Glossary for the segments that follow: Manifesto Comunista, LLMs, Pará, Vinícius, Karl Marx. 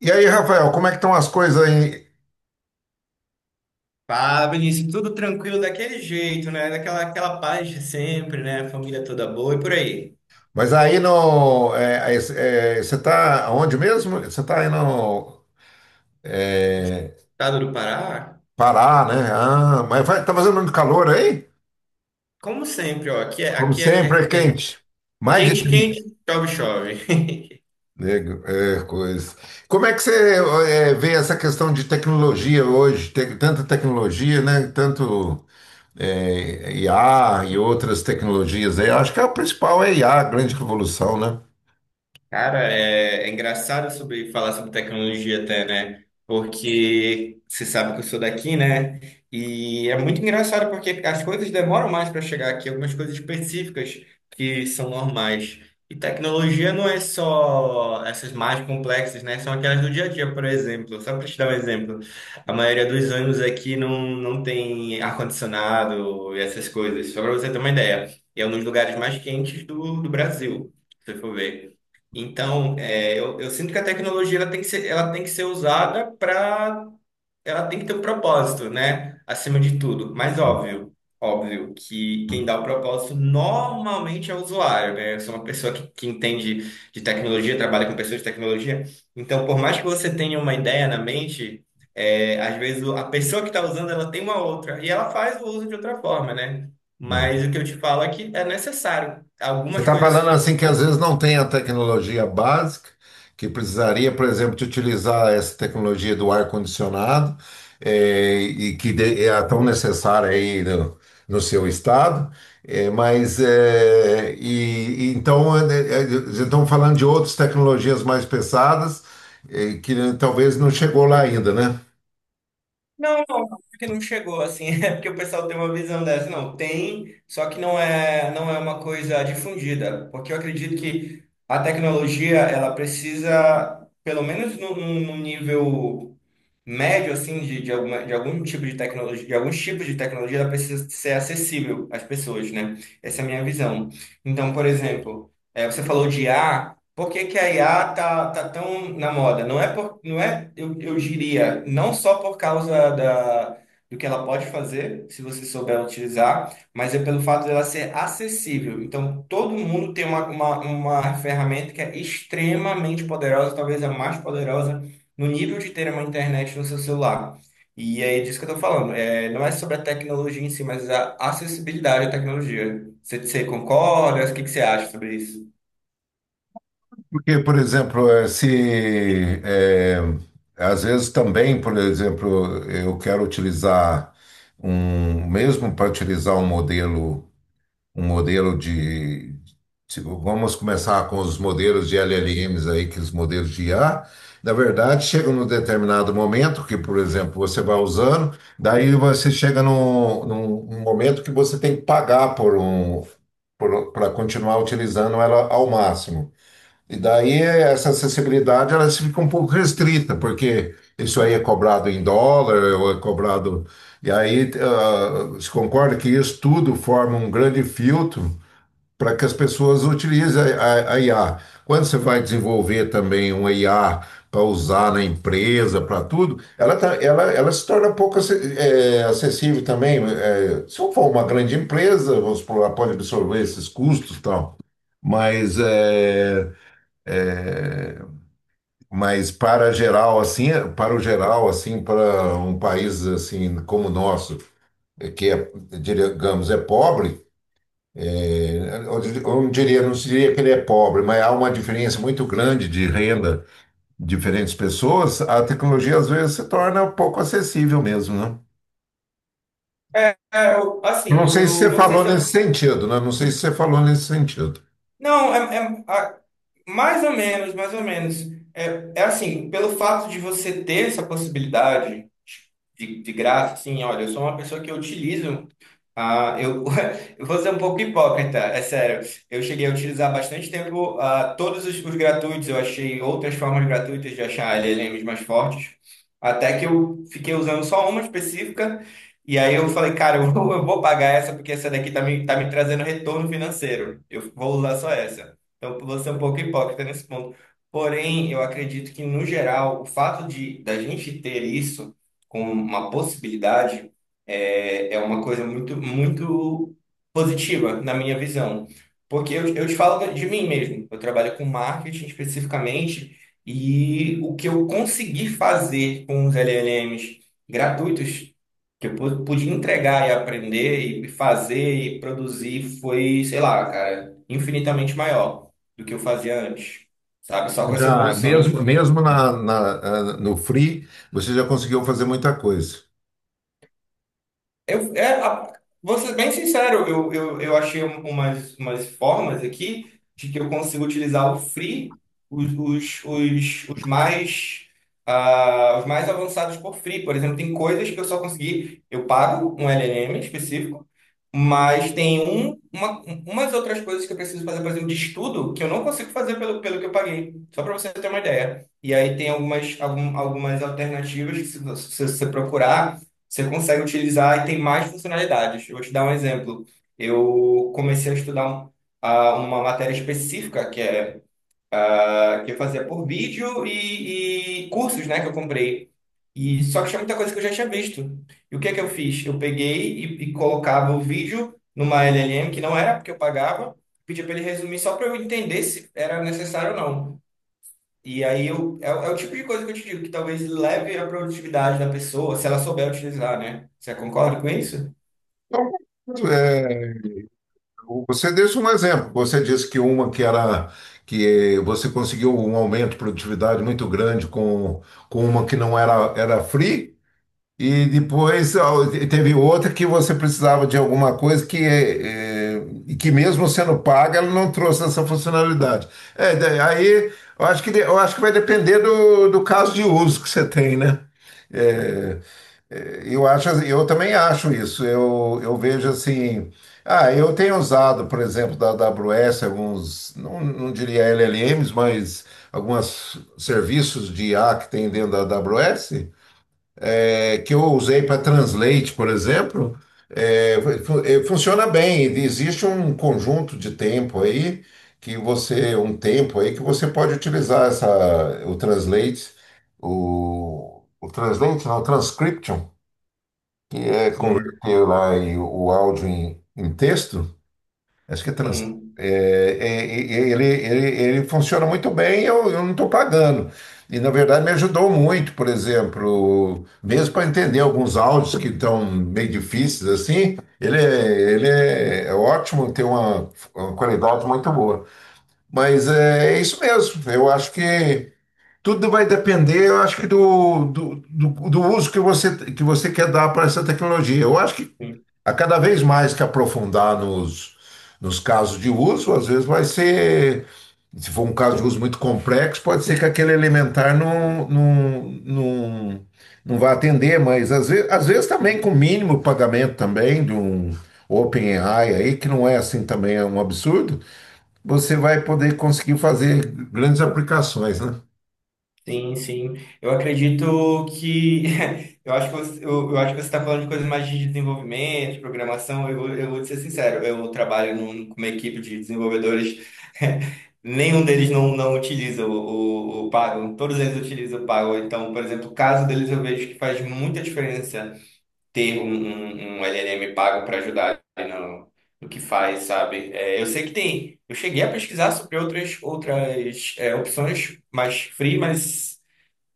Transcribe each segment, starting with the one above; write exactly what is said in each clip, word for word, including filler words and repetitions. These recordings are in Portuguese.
E aí, Rafael, como é que estão as coisas aí? Fala, Vinícius, tudo tranquilo daquele jeito, né? Daquela aquela paz de sempre, né? Família toda boa e por aí. Mas aí no, é, é, é, você está onde mesmo? Você está aí no é, Estado do Pará, Pará, né? Ah, mas vai, tá fazendo muito calor aí? como sempre, ó, aqui é, Como aqui é, sempre, é é- é quente. Mais de quente, trinta. quente, chove, chove. Nego, é, coisa. Como é que você é, vê essa questão de tecnologia hoje? Tem tanta tecnologia, né? Tanto é, I A e outras tecnologias aí. Acho que a principal é I A, a a grande revolução, né? Cara, é, é engraçado sobre falar sobre tecnologia até, né? Porque você sabe que eu sou daqui, né? E é muito engraçado porque as coisas demoram mais para chegar aqui, algumas coisas específicas que são normais. E tecnologia não é só essas mais complexas, né? São aquelas do dia a dia, por exemplo. Só para te dar um exemplo, a maioria dos ônibus aqui não, não tem ar-condicionado e essas coisas. Só para você ter uma ideia, e é um dos lugares mais quentes do, do Brasil, se você for ver. Então, é, eu, eu sinto que a tecnologia, ela tem que ser, ela tem que ser usada para, ela tem que ter um propósito, né? Acima de tudo. Mas óbvio, óbvio que quem Hum, dá o propósito normalmente é o usuário, né? Eu sou uma pessoa que, que entende de tecnologia, trabalha com pessoas de tecnologia. Então, por mais que você tenha uma ideia na mente, é, às vezes o- a pessoa que está usando ela tem uma outra e ela faz o uso de outra forma, né? hum. Mas o que eu te falo é que é necessário. Você Algumas está coisas falando assim que às vezes não tem a tecnologia básica, que precisaria, por exemplo, de utilizar essa tecnologia do ar-condicionado, eh, e que de- é tão necessária aí no, no seu estado, eh, mas eh, e, e então eh, eh, estamos falando de outras tecnologias mais pesadas, eh, que talvez não chegou lá ainda, né? Não, não, acho que não chegou assim, é porque o pessoal tem uma visão dessa. Não, tem, só que não é, não é uma coisa difundida, porque eu acredito que a tecnologia, ela precisa, pelo menos num num- num nível médio assim de, de, alguma, de algum tipo de tecnologia, de alguns tipos de tecnologia, ela precisa ser acessível às pessoas, né? Essa é a minha visão. Então, por exemplo, eh, você falou de I A, por que que a I A tá, tá tão na moda? Não é por, não é, eu, eu diria, não só por causa da do que ela pode fazer, se você souber utilizar, mas é pelo fato dela ser acessível. Então, todo mundo tem uma, uma, uma ferramenta que é extremamente poderosa, talvez a mais poderosa no nível de ter uma internet no seu celular. E é disso que eu estou falando. É, não é sobre a tecnologia em si, mas a acessibilidade à tecnologia. Você, você concorda? O que, que você acha sobre isso? Porque, por exemplo, eh, se eh, às vezes também, por exemplo, eu quero utilizar um, mesmo para utilizar um modelo, um modelo de, se- vamos começar com os modelos de L L Ms aí, que os modelos de I A, na verdade, chega num determinado momento que, por exemplo, você vai usando, daí você chega num, num num momento que você tem que pagar por um, para continuar utilizando ela ao máximo. E daí essa acessibilidade ela se fica um pouco restrita, porque isso aí é cobrado em dólar, ou é cobrado. E aí ah, se concorda que isso tudo forma um grande filtro para que as pessoas utilizem a, a- a I A. Quando você vai desenvolver também uma I A para usar na empresa, para tudo, ela, tá- ela, ela se torna pouco acess- eh, acessível também. Eh, se eu for uma grande empresa, vamos supor, ela pode absorver esses custos e tal. Mas é, é, mas para geral, assim, para o geral, assim, para um país assim como o nosso, é, que é, digamos, é pobre, é, eu dir- eu não diria, não diria que ele é pobre, mas há uma diferença muito grande de renda de diferentes pessoas, a tecnologia às vezes se torna um pouco acessível mesmo, né? É, é, eu- Eu assim, não eu, sei se eu você não sei falou se nesse eu... sentido, né? Não sei se você falou nesse sentido. Não, é, é- a- mais ou menos, mais ou menos. É, é assim, pelo fato de você ter essa possibilidade de, de graça, assim, olha, eu sou uma pessoa que utiliza. Ah, eu, eu vou ser um pouco hipócrita, é sério. Eu cheguei a utilizar bastante tempo ah, todos os, os gratuitos. Eu achei outras formas gratuitas de achar L L Ms mais fortes. Até que eu fiquei usando só uma específica. E aí eu falei, cara, eu vou, eu vou pagar essa porque essa daqui tá me, tá me trazendo retorno financeiro. Eu vou usar só essa. Então, eu vou ser um pouco hipócrita nesse ponto. Porém, eu acredito que, no geral, o fato de da gente ter isso como uma possibilidade é, é uma coisa muito, muito positiva na minha visão. Porque eu, eu te falo de mim mesmo. Eu trabalho com marketing especificamente e o que eu consegui fazer com os L L Ms gratuitos, que eu pu- pude entregar e aprender e fazer e produzir foi, sei lá, cara, infinitamente maior do que eu fazia antes, sabe? Só com essa Já, evolução. mesmo mesmo na, na- ah, no Free, você já conseguiu fazer muita coisa. Eu, é, a- Vou ser bem sincero, eu, eu, eu achei umas, umas formas aqui de que eu consigo utilizar o free, os, os, os, os mais, ah, os mais avançados por free. Por exemplo, tem coisas que eu só consegui, eu pago um L L M específico, mas tem um, uma, umas outras coisas que eu preciso fazer, por exemplo, de estudo, que eu não consigo fazer pelo, pelo que eu paguei, só para você ter uma ideia. E aí tem algumas, algum, algumas alternativas que se você se você procurar você consegue utilizar e tem mais funcionalidades. Eu vou te dar um exemplo. Eu comecei a estudar um- a- uma matéria específica que é a- que eu fazia por vídeo e, e cursos, né, que eu comprei. E só que tinha muita coisa que eu já tinha visto. E o que é que eu fiz? Eu peguei e, e colocava o vídeo numa L L M que não era porque eu pagava, pedia para ele resumir só para eu entender se era necessário ou não. E aí eu, é, é o tipo de coisa que eu te digo, que talvez leve a produtividade da pessoa, se ela souber utilizar, né? Você concorda com isso? É, você disse um exemplo. Você disse que uma que era que você conseguiu um aumento de produtividade muito grande com, com uma que não era, era free, e depois ó, teve outra que você precisava de alguma coisa que, eh, e que mesmo sendo paga, ela não trouxe essa funcionalidade. É, da- aí eu acho que, de- eu acho que vai depender do, do caso de uso que você tem, né? É, é, eu acho, assim, eu também acho isso. Eu, eu vejo assim. Ah, eu tenho usado, por exemplo, da A W S alguns, não, não diria L L Ms, mas alguns serviços de I A que tem dentro da A W S, é, que eu usei para Translate, por exemplo. É, fu- é, funciona bem. Existe um conjunto de tempo aí que você, um tempo aí que você pode utilizar essa, o Translate, o, o Translate, não, o Transcription, que é Hum, converter lá em- o áudio em, em texto, acho que é trans. hum, é, é, é, ele, ele, ele funciona muito bem, eu, eu não estou pagando. E na verdade me ajudou muito, por exemplo, mesmo para entender alguns áudios que estão meio difíceis assim, ele é, ele é, é ótimo, tem uma, uma qualidade muito boa. Mas é, é isso mesmo, eu acho que tudo vai depender, eu acho que do, do, do, do uso que você, que você quer dar para essa tecnologia. Eu acho que hum, a cada vez mais que aprofundar nos, nos casos de uso, às vezes vai ser, se for um caso de uso muito complexo, pode ser que aquele elementar não, não, não, não vá atender, mas às vezes, às vezes também hum. com mínimo pagamento também de um OpenAI aí, que não é assim também é um absurdo, você vai poder conseguir fazer grandes aplicações, né? Sim, sim. Eu acredito que. Eu acho que você, eu, eu acho que você está falando de coisas mais de desenvolvimento, de programação. Eu, vou- eu vou te ser sincero, eu trabalho num- com uma equipe de desenvolvedores. Nenhum deles não, não utiliza o, o, o Pago, todos eles utilizam o Pago. Então, por exemplo, o caso deles eu vejo que faz muita diferença ter um, um, um L L M pago para ajudar no, no que faz, sabe? É, eu sei que tem. Eu cheguei a pesquisar sobre outras, outras é, opções mais free, mas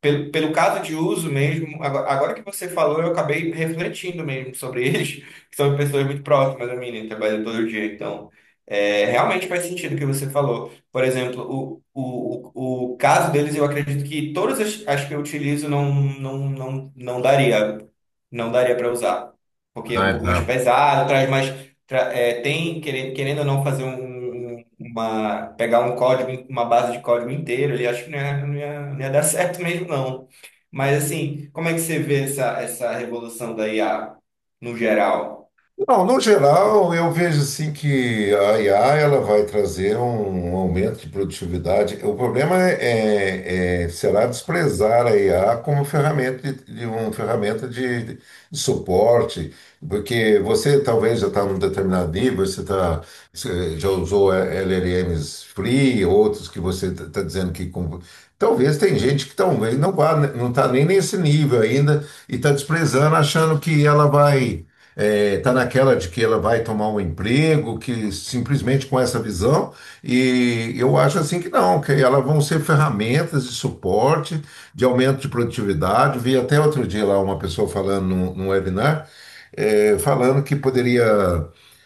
pelo, pelo caso de uso mesmo, agora, agora que você falou, eu acabei refletindo mesmo sobre eles, que são pessoas muito próximas a mim, né? Trabalham todo dia, então. É, realmente faz sentido o que você falou. Por exemplo, o, o, o o caso deles, eu acredito que todas as, as que eu utilizo não, não, não, não daria, não daria para usar, porque é Ah, um pouco mais então. pesado, traz mais, tra- é, tem querendo, querendo ou não fazer um, um- uma, pegar um código, uma base de código inteiro, ele acho que não ia, não ia, não ia dar certo mesmo não. Mas assim, como é que você vê essa, essa revolução da I A no geral? Não, no geral, eu vejo assim que a I A ela vai trazer um, um aumento de produtividade. O problema é, é- é, será desprezar a I A como ferramenta de, de uma ferramenta de, de suporte, porque você talvez já está num determinado nível, você tá, você já usou L L Ms free, outros que você está dizendo que com- talvez tem gente que talvez não vá, não está nem nesse nível ainda e está desprezando, achando que ela vai é, tá naquela de que ela vai tomar um emprego, que simplesmente com essa visão, e eu acho assim que não, que elas vão ser ferramentas de suporte, de aumento de produtividade. Vi até outro dia lá uma pessoa falando num, num webinar é, falando que poderia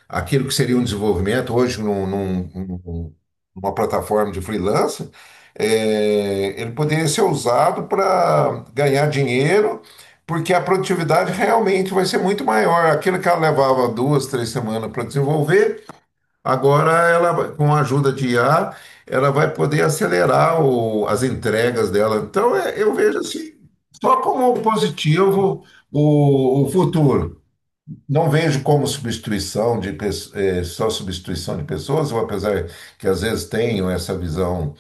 aquilo que seria um desenvolvimento hoje num- num- num- numa plataforma de freelancer, é, ele poderia ser usado para ganhar dinheiro, porque a produtividade realmente vai ser muito maior. Aquilo que ela levava duas, três semanas para desenvolver, agora ela, vai- com a ajuda de I A, ela vai poder acelerar o- as entregas dela. Então, é, eu vejo assim, só como positivo o o futuro. Não vejo como substituição de pes- eh, só substituição de pessoas, ou apesar que às vezes tenho essa visão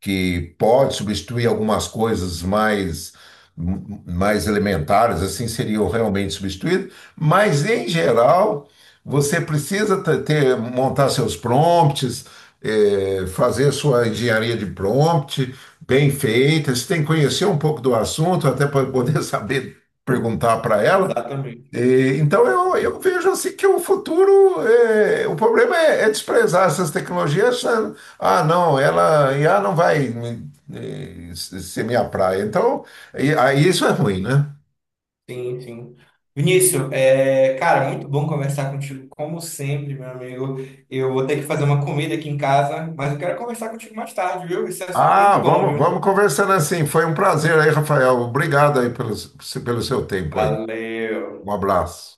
que pode substituir algumas coisas mais m- mais elementares, assim seriam realmente substituídas, mas em geral você precisa te- ter, montar seus prompts, eh, fazer sua engenharia de prompt bem feita, você tem que conhecer um pouco do assunto até para poder saber perguntar para ela. Exatamente. E então eu, eu vejo assim que o futuro, é, o problema é, é desprezar essas tecnologias. sa- Ah, não, ela I A não vai me- eh, se- ser minha praia. Então, e- aí isso é ruim, né? Sim, sim. Vinícius, é, cara, muito bom conversar contigo, como sempre, meu amigo. Eu vou ter que fazer uma comida aqui em casa, mas eu quero conversar contigo mais tarde, viu? Esse é assunto é Ah, muito bom, vamos, viu? vamos conversando assim. Foi um prazer aí, Rafael. Obrigado aí pelo, pelo seu tempo aí. Valeu. Um abraço.